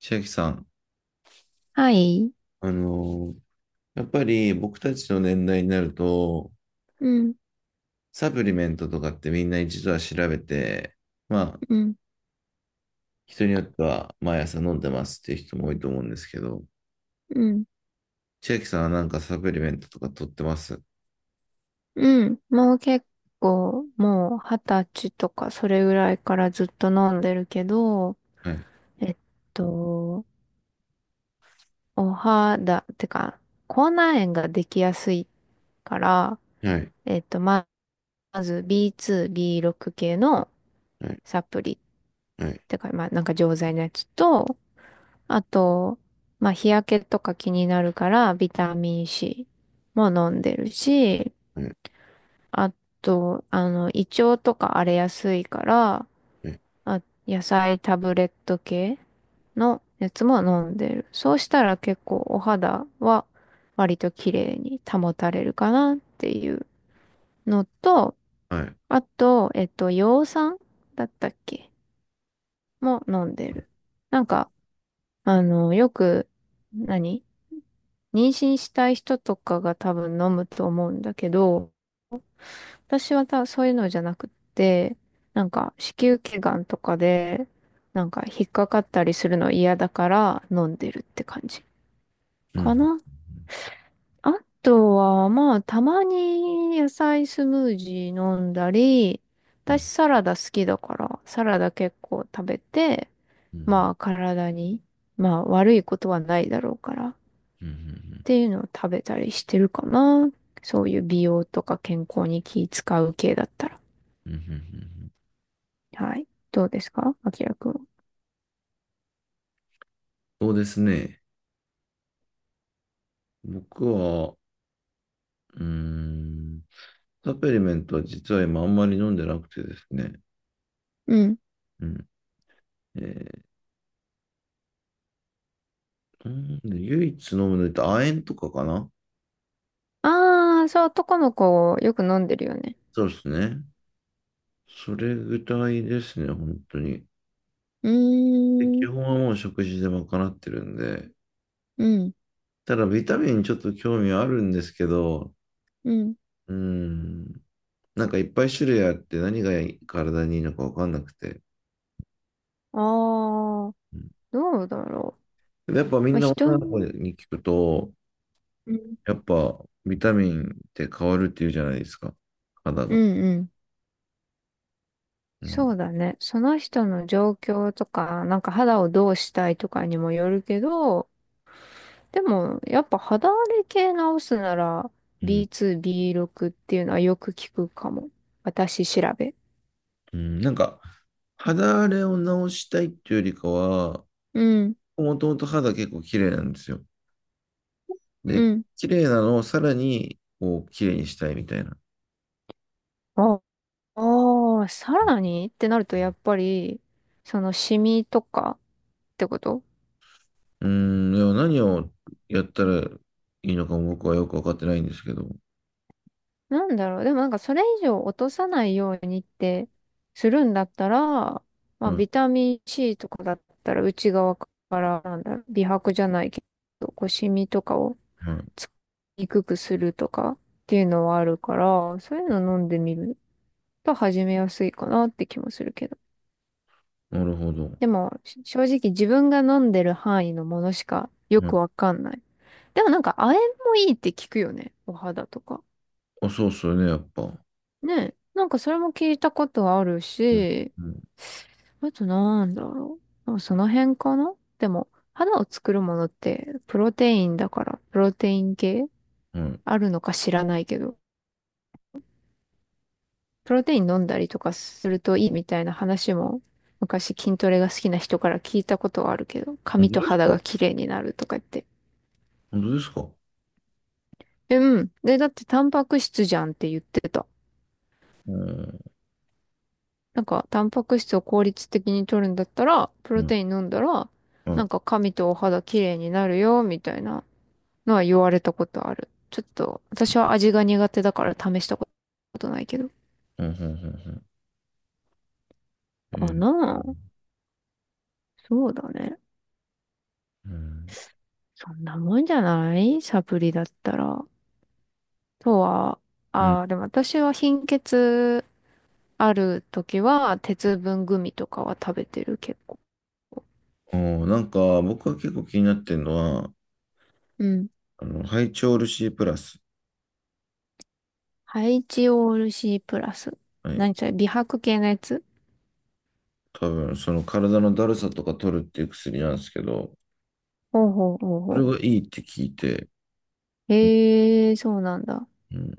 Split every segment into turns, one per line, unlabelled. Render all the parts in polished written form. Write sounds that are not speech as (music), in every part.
千秋さん、
はい。
あのーやっぱり僕たちの年代になると、
うん、
サプリメントとかってみんな一度は調べて、まあ、
うん、
人によっては毎朝飲んでますっていう人も多いと思うんですけど、
うん、
千秋さんはなんかサプリメントとか取ってます？
うん。もう結構、もう二十歳とかそれぐらいからずっと飲んでるけど、
はい。
えっと、お肌、てか、口内炎ができやすいから、
はい。
えっと、ままず B2、B6 系の
はい。
サプリっ
はい。
てか、まあなんか錠剤のやつと、あと、まあ日焼けとか気になるからビタミン C も飲んでるし、
はい。
あと、胃腸とか荒れやすいから、
はい。
あ、野菜タブレット系のやつも飲んでる。そうしたら結構お肌は割と綺麗に保たれるかなっていうのと、
はい。
あと、葉酸だったっけも飲んでる。なんか、よく、何妊娠したい人とかが多分飲むと思うんだけど、私はそういうのじゃなくって、なんか子宮頸がんとかで、なんか引っかかったりするの嫌だから飲んでるって感じ
う
か
ん。
な。あとは、まあ、たまに野菜スムージー飲んだり、
う
私
ん。
サラダ好きだから、サラダ結構食べて、
うん。
まあ体に、まあ悪いことはないだろうからっ
うん。うん。
ていうのを食べたりしてるかな。そういう美容とか健康に気使う系だったら。
うん。うん。
はい。どうですかあきらくんは？
そうですね。僕は、うーん、サプリメントは実は今あんまり飲んでなくてですね。
うん。
うん。えー、うん。唯一飲むのって亜鉛とかかな。
ああ、そう、男の子よく飲んでるよね。
そうですね。それぐらいですね、本当に。
う
で、基
ーん。
本はもう食事で賄ってるんで。
うん。
ただ、ビタミンちょっと興味はあるんですけど、
うん。
うん、なんかいっぱい種類あって何が体にいいのかわかんなくて。
ああ、
うん。
どうだろう。
で、やっぱみ
まあ、
んな
人
女の子
に、
に聞くと、
うん。
やっぱビタミンって変わるっていうじゃないですか、肌
う
が。
んうん。
う
そ
ん、
うだね。その人の状況とか、なんか肌をどうしたいとかにもよるけど、でも、やっぱ肌荒れ系直すなら、
うん、
B2、B6 っていうのはよく聞くかも。私調べ。
うん、なんか、肌荒れを治したいっていうよりかは、
うん。
もともと肌結構綺麗なんですよ。
う
で、
ん。
綺麗なのをさらに、こう、綺麗にしたいみたいな。
あああ、さらにってなるとやっぱり、そのシミとかってこと
うーん、でも何をやったらいいのかも僕はよくわかってないんですけど。
なんだろう。でもなんかそれ以上落とさないようにってするんだったら、まあ
は
ビ
い、
タミン C とかだったら内側からなんだろう、美白じゃないけど、こうシミとかを
はい。
つきにくくするとかっていうのはあるから、そういうの飲んでみると始めやすいかなって気もするけど。
なるほど。
でもし、正直自分が飲んでる範囲のものしかよ
は
く
い。
わかんない。でもなんか、亜鉛もいいって聞くよね。お肌とか。
あ、そうっすよね、やっぱ。
ねえ。なんかそれも聞いたことある
うん、
し、
うん、
あとなんだろう。その辺かな、でも、肌を作るものって、プロテインだから、プロテイン系
はい。
あるのか知らないけど、プロテイン飲んだりとかするといいみたいな話も、昔筋トレが好きな人から聞いたことはあるけど、
本
髪
当
と
です
肌が
か？
綺麗になるとか言って。
本当ですか？
うん。で、だってタンパク質じゃんって言ってた。
うん、
なんか、タンパク質を効率的に取るんだったら、プ
う
ロ
ん、
テイン飲んだら、
はい。う
なん
ん、
か髪とお肌綺麗になるよ、みたいなのは言われたことある。ちょっと、私は味が苦手だから試したことないけど。
うん、うんうん。
かなあ。そうだね。
うん。
そんなもんじゃないサプリだったら。とは、
うん。
ああ、でも私は貧血ある時は、鉄分グミとかは食べてる、結構。
あー、なんか、僕は結構気になってるのは、
うん。
ハイチョール C プラス。
ハイチオール C プラス。
はい。
何それ、美白系のやつ？
多分、その体のだるさとか取るっていう薬なんですけど、
ほうほうほう
それ
ほ
がいいって聞いて、
う。へえ、そうなんだ。
うん、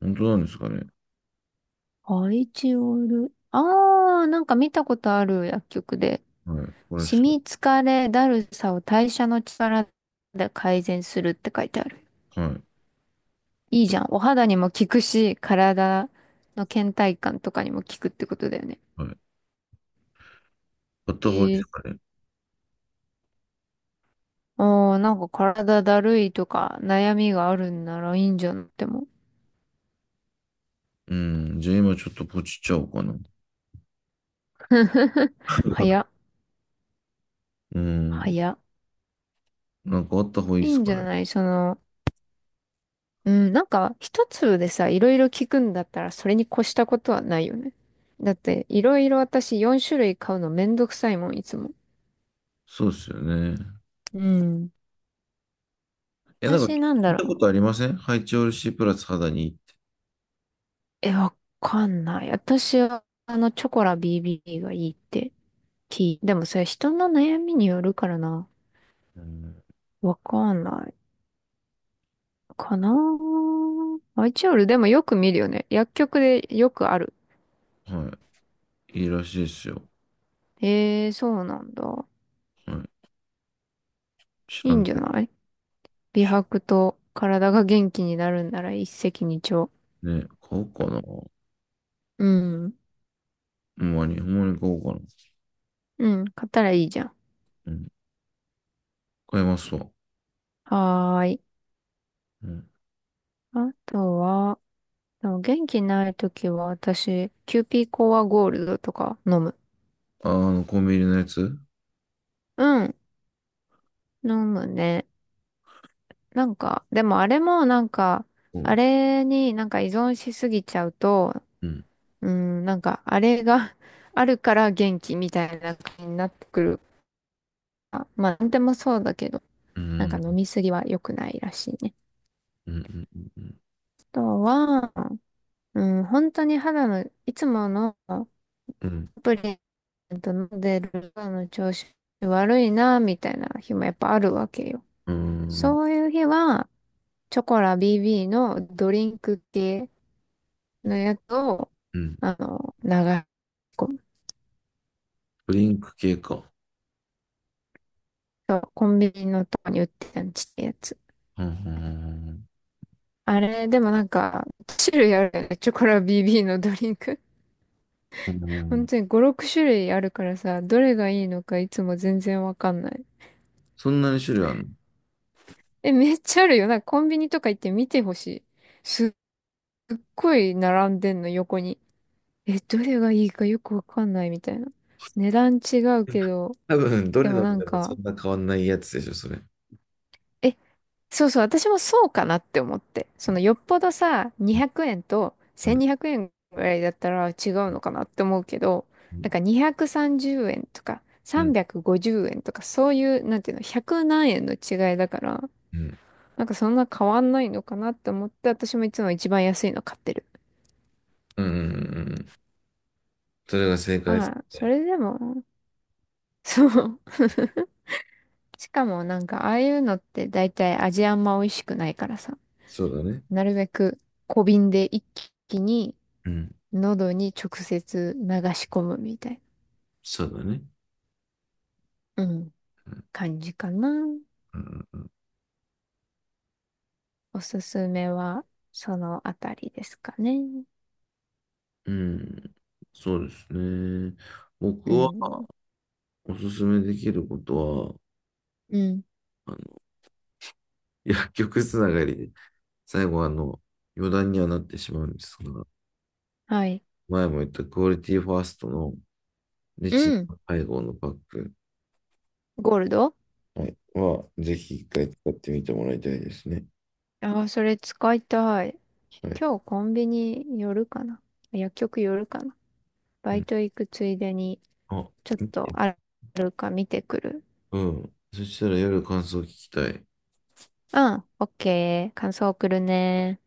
本当なんですかね。
アイチオール。ああ、なんか見たことある薬局で。
はい、これで
シ
す。
ミ、疲れ、だるさを代謝の力で改善するって書いてある。
はい、
いいじゃん。お肌にも効くし、体の倦怠感とかにも効くってことだよね。
はい。あった方がいいで
へ
す
え。
かね。
ああ、なんか体だるいとか悩みがあるんならいいんじゃなくても。
うん、じゃあ今ちょっとポチっちゃおうかな。
(laughs) 早っ。
う
早
ん、
っ。
なんかあった方がいい
い
で
い
す
んじ
か
ゃ
ね。
ないその、うん、なんか一粒でさ、いろいろ聞くんだったらそれに越したことはないよね。だっていろいろ私4種類買うのめんどくさいもん、いつも。
そうですよね。
うん。
え、なん
私
か
なん
聞
だ
いた
ろ
こ
う。
とありませんハイチオール C プラス肌にいいって？
え、わかんない。私はあのチョコラ BB がいいって聞いでもそれ人の悩みによるからな。
うん。
わかんない。かなぁ。アイチオールでもよく見るよね。薬局でよくある。
はい、いいらしいですよ。
へえ、そうなんだ。
はい、知
いい
ら
ん
ん
じゃ
けど。
ない、美
し
白と体が元気になるんなら一石二鳥。
ね、買おうかな。ほ
うん。
んまに、ほんまに買おうかな。
うん。買ったらいいじゃん。
うん、買いますわ。
はーい。
うん。
あとは、でも元気ないときは私、キューピーコアゴールドとか飲む。
コンビニのやつ？
うん。飲むね。なんか、でもあれもなんか、
う
あ
ん、
れになんか依存しすぎちゃうと、
うん、
うん、なんかあれが (laughs) あるから元気みたいな感じになってくるから。まあ、なんでもそうだけど、
う
なんか飲
ん、
みすぎは良くないらしいね。
うん、うん、
あとは、うん、本当に肌の、いつものサ
う
プリメント飲んでる肌の調子悪いな、みたいな日もやっぱあるわけよ。
ん、
そういう日は、チョコラ BB のドリンク系のやつを、
うん、
流し込む。
ドリンク系か。
そうコンビニのとこに売ってたんちってやつ。
うん、
あれ、でもなんか、種類あるよね。チョコラ BB のドリンク。
う
本
ん。
当に5、6種類あるからさ、どれがいいのかいつも全然わかんない。
そんなに種類あるの？
え、めっちゃあるよ。なんかコンビニとか行って見てほしい。すっごい並んでんの、横に。え、どれがいいかよくわかんないみたいな。値段違うけど、
多分、ど
で
れ
も
飲
な
んで
ん
もそ
か、
んな変わんないやつでしょ、それ。
え、そうそう、私もそうかなって思って。そのよっぽどさ、
うん、
200円と
うん、
1200円ぐらいだったら違うのかなって思うけど、なんか230円とか
うん、
350円とかそういう、なんていうの、100何円の違いだから、
う
なんかそんな変わんないのかなって思って、私もいつも一番安いの買ってる。
ん、うん。それが正解です
まあ、そ
ね。
れでも、そう。しかもなんかああいうのって大体味あんま美味しくないからさ、
そうだね。
なるべく小瓶で一気に
うん、
喉に直接流し込むみたい
そうだね。
な、うん、感じかな。
うん、
おすすめはそのあたりですかね。
うん、そうですね。僕
う
は
ん。
おすすめできることは、
うん。
あの、薬局つながりで最後は余談にはなってしまうんですが、
はい。
前も言ったクオリティファーストのレ
う
チン
ん。
配合のパック、
ゴールド。
はい、ぜひ一回使ってみてもらいたいですね。
ああー、それ使いたい。
はい。
今日コンビニ寄るかな、薬局寄るかな、バ
う
イ
ん、
ト行くついでに、
あ、
ちょっとあるか見てくる。
うん。そしたら夜感想聞きたい。
うん、オッケー。感想送るね。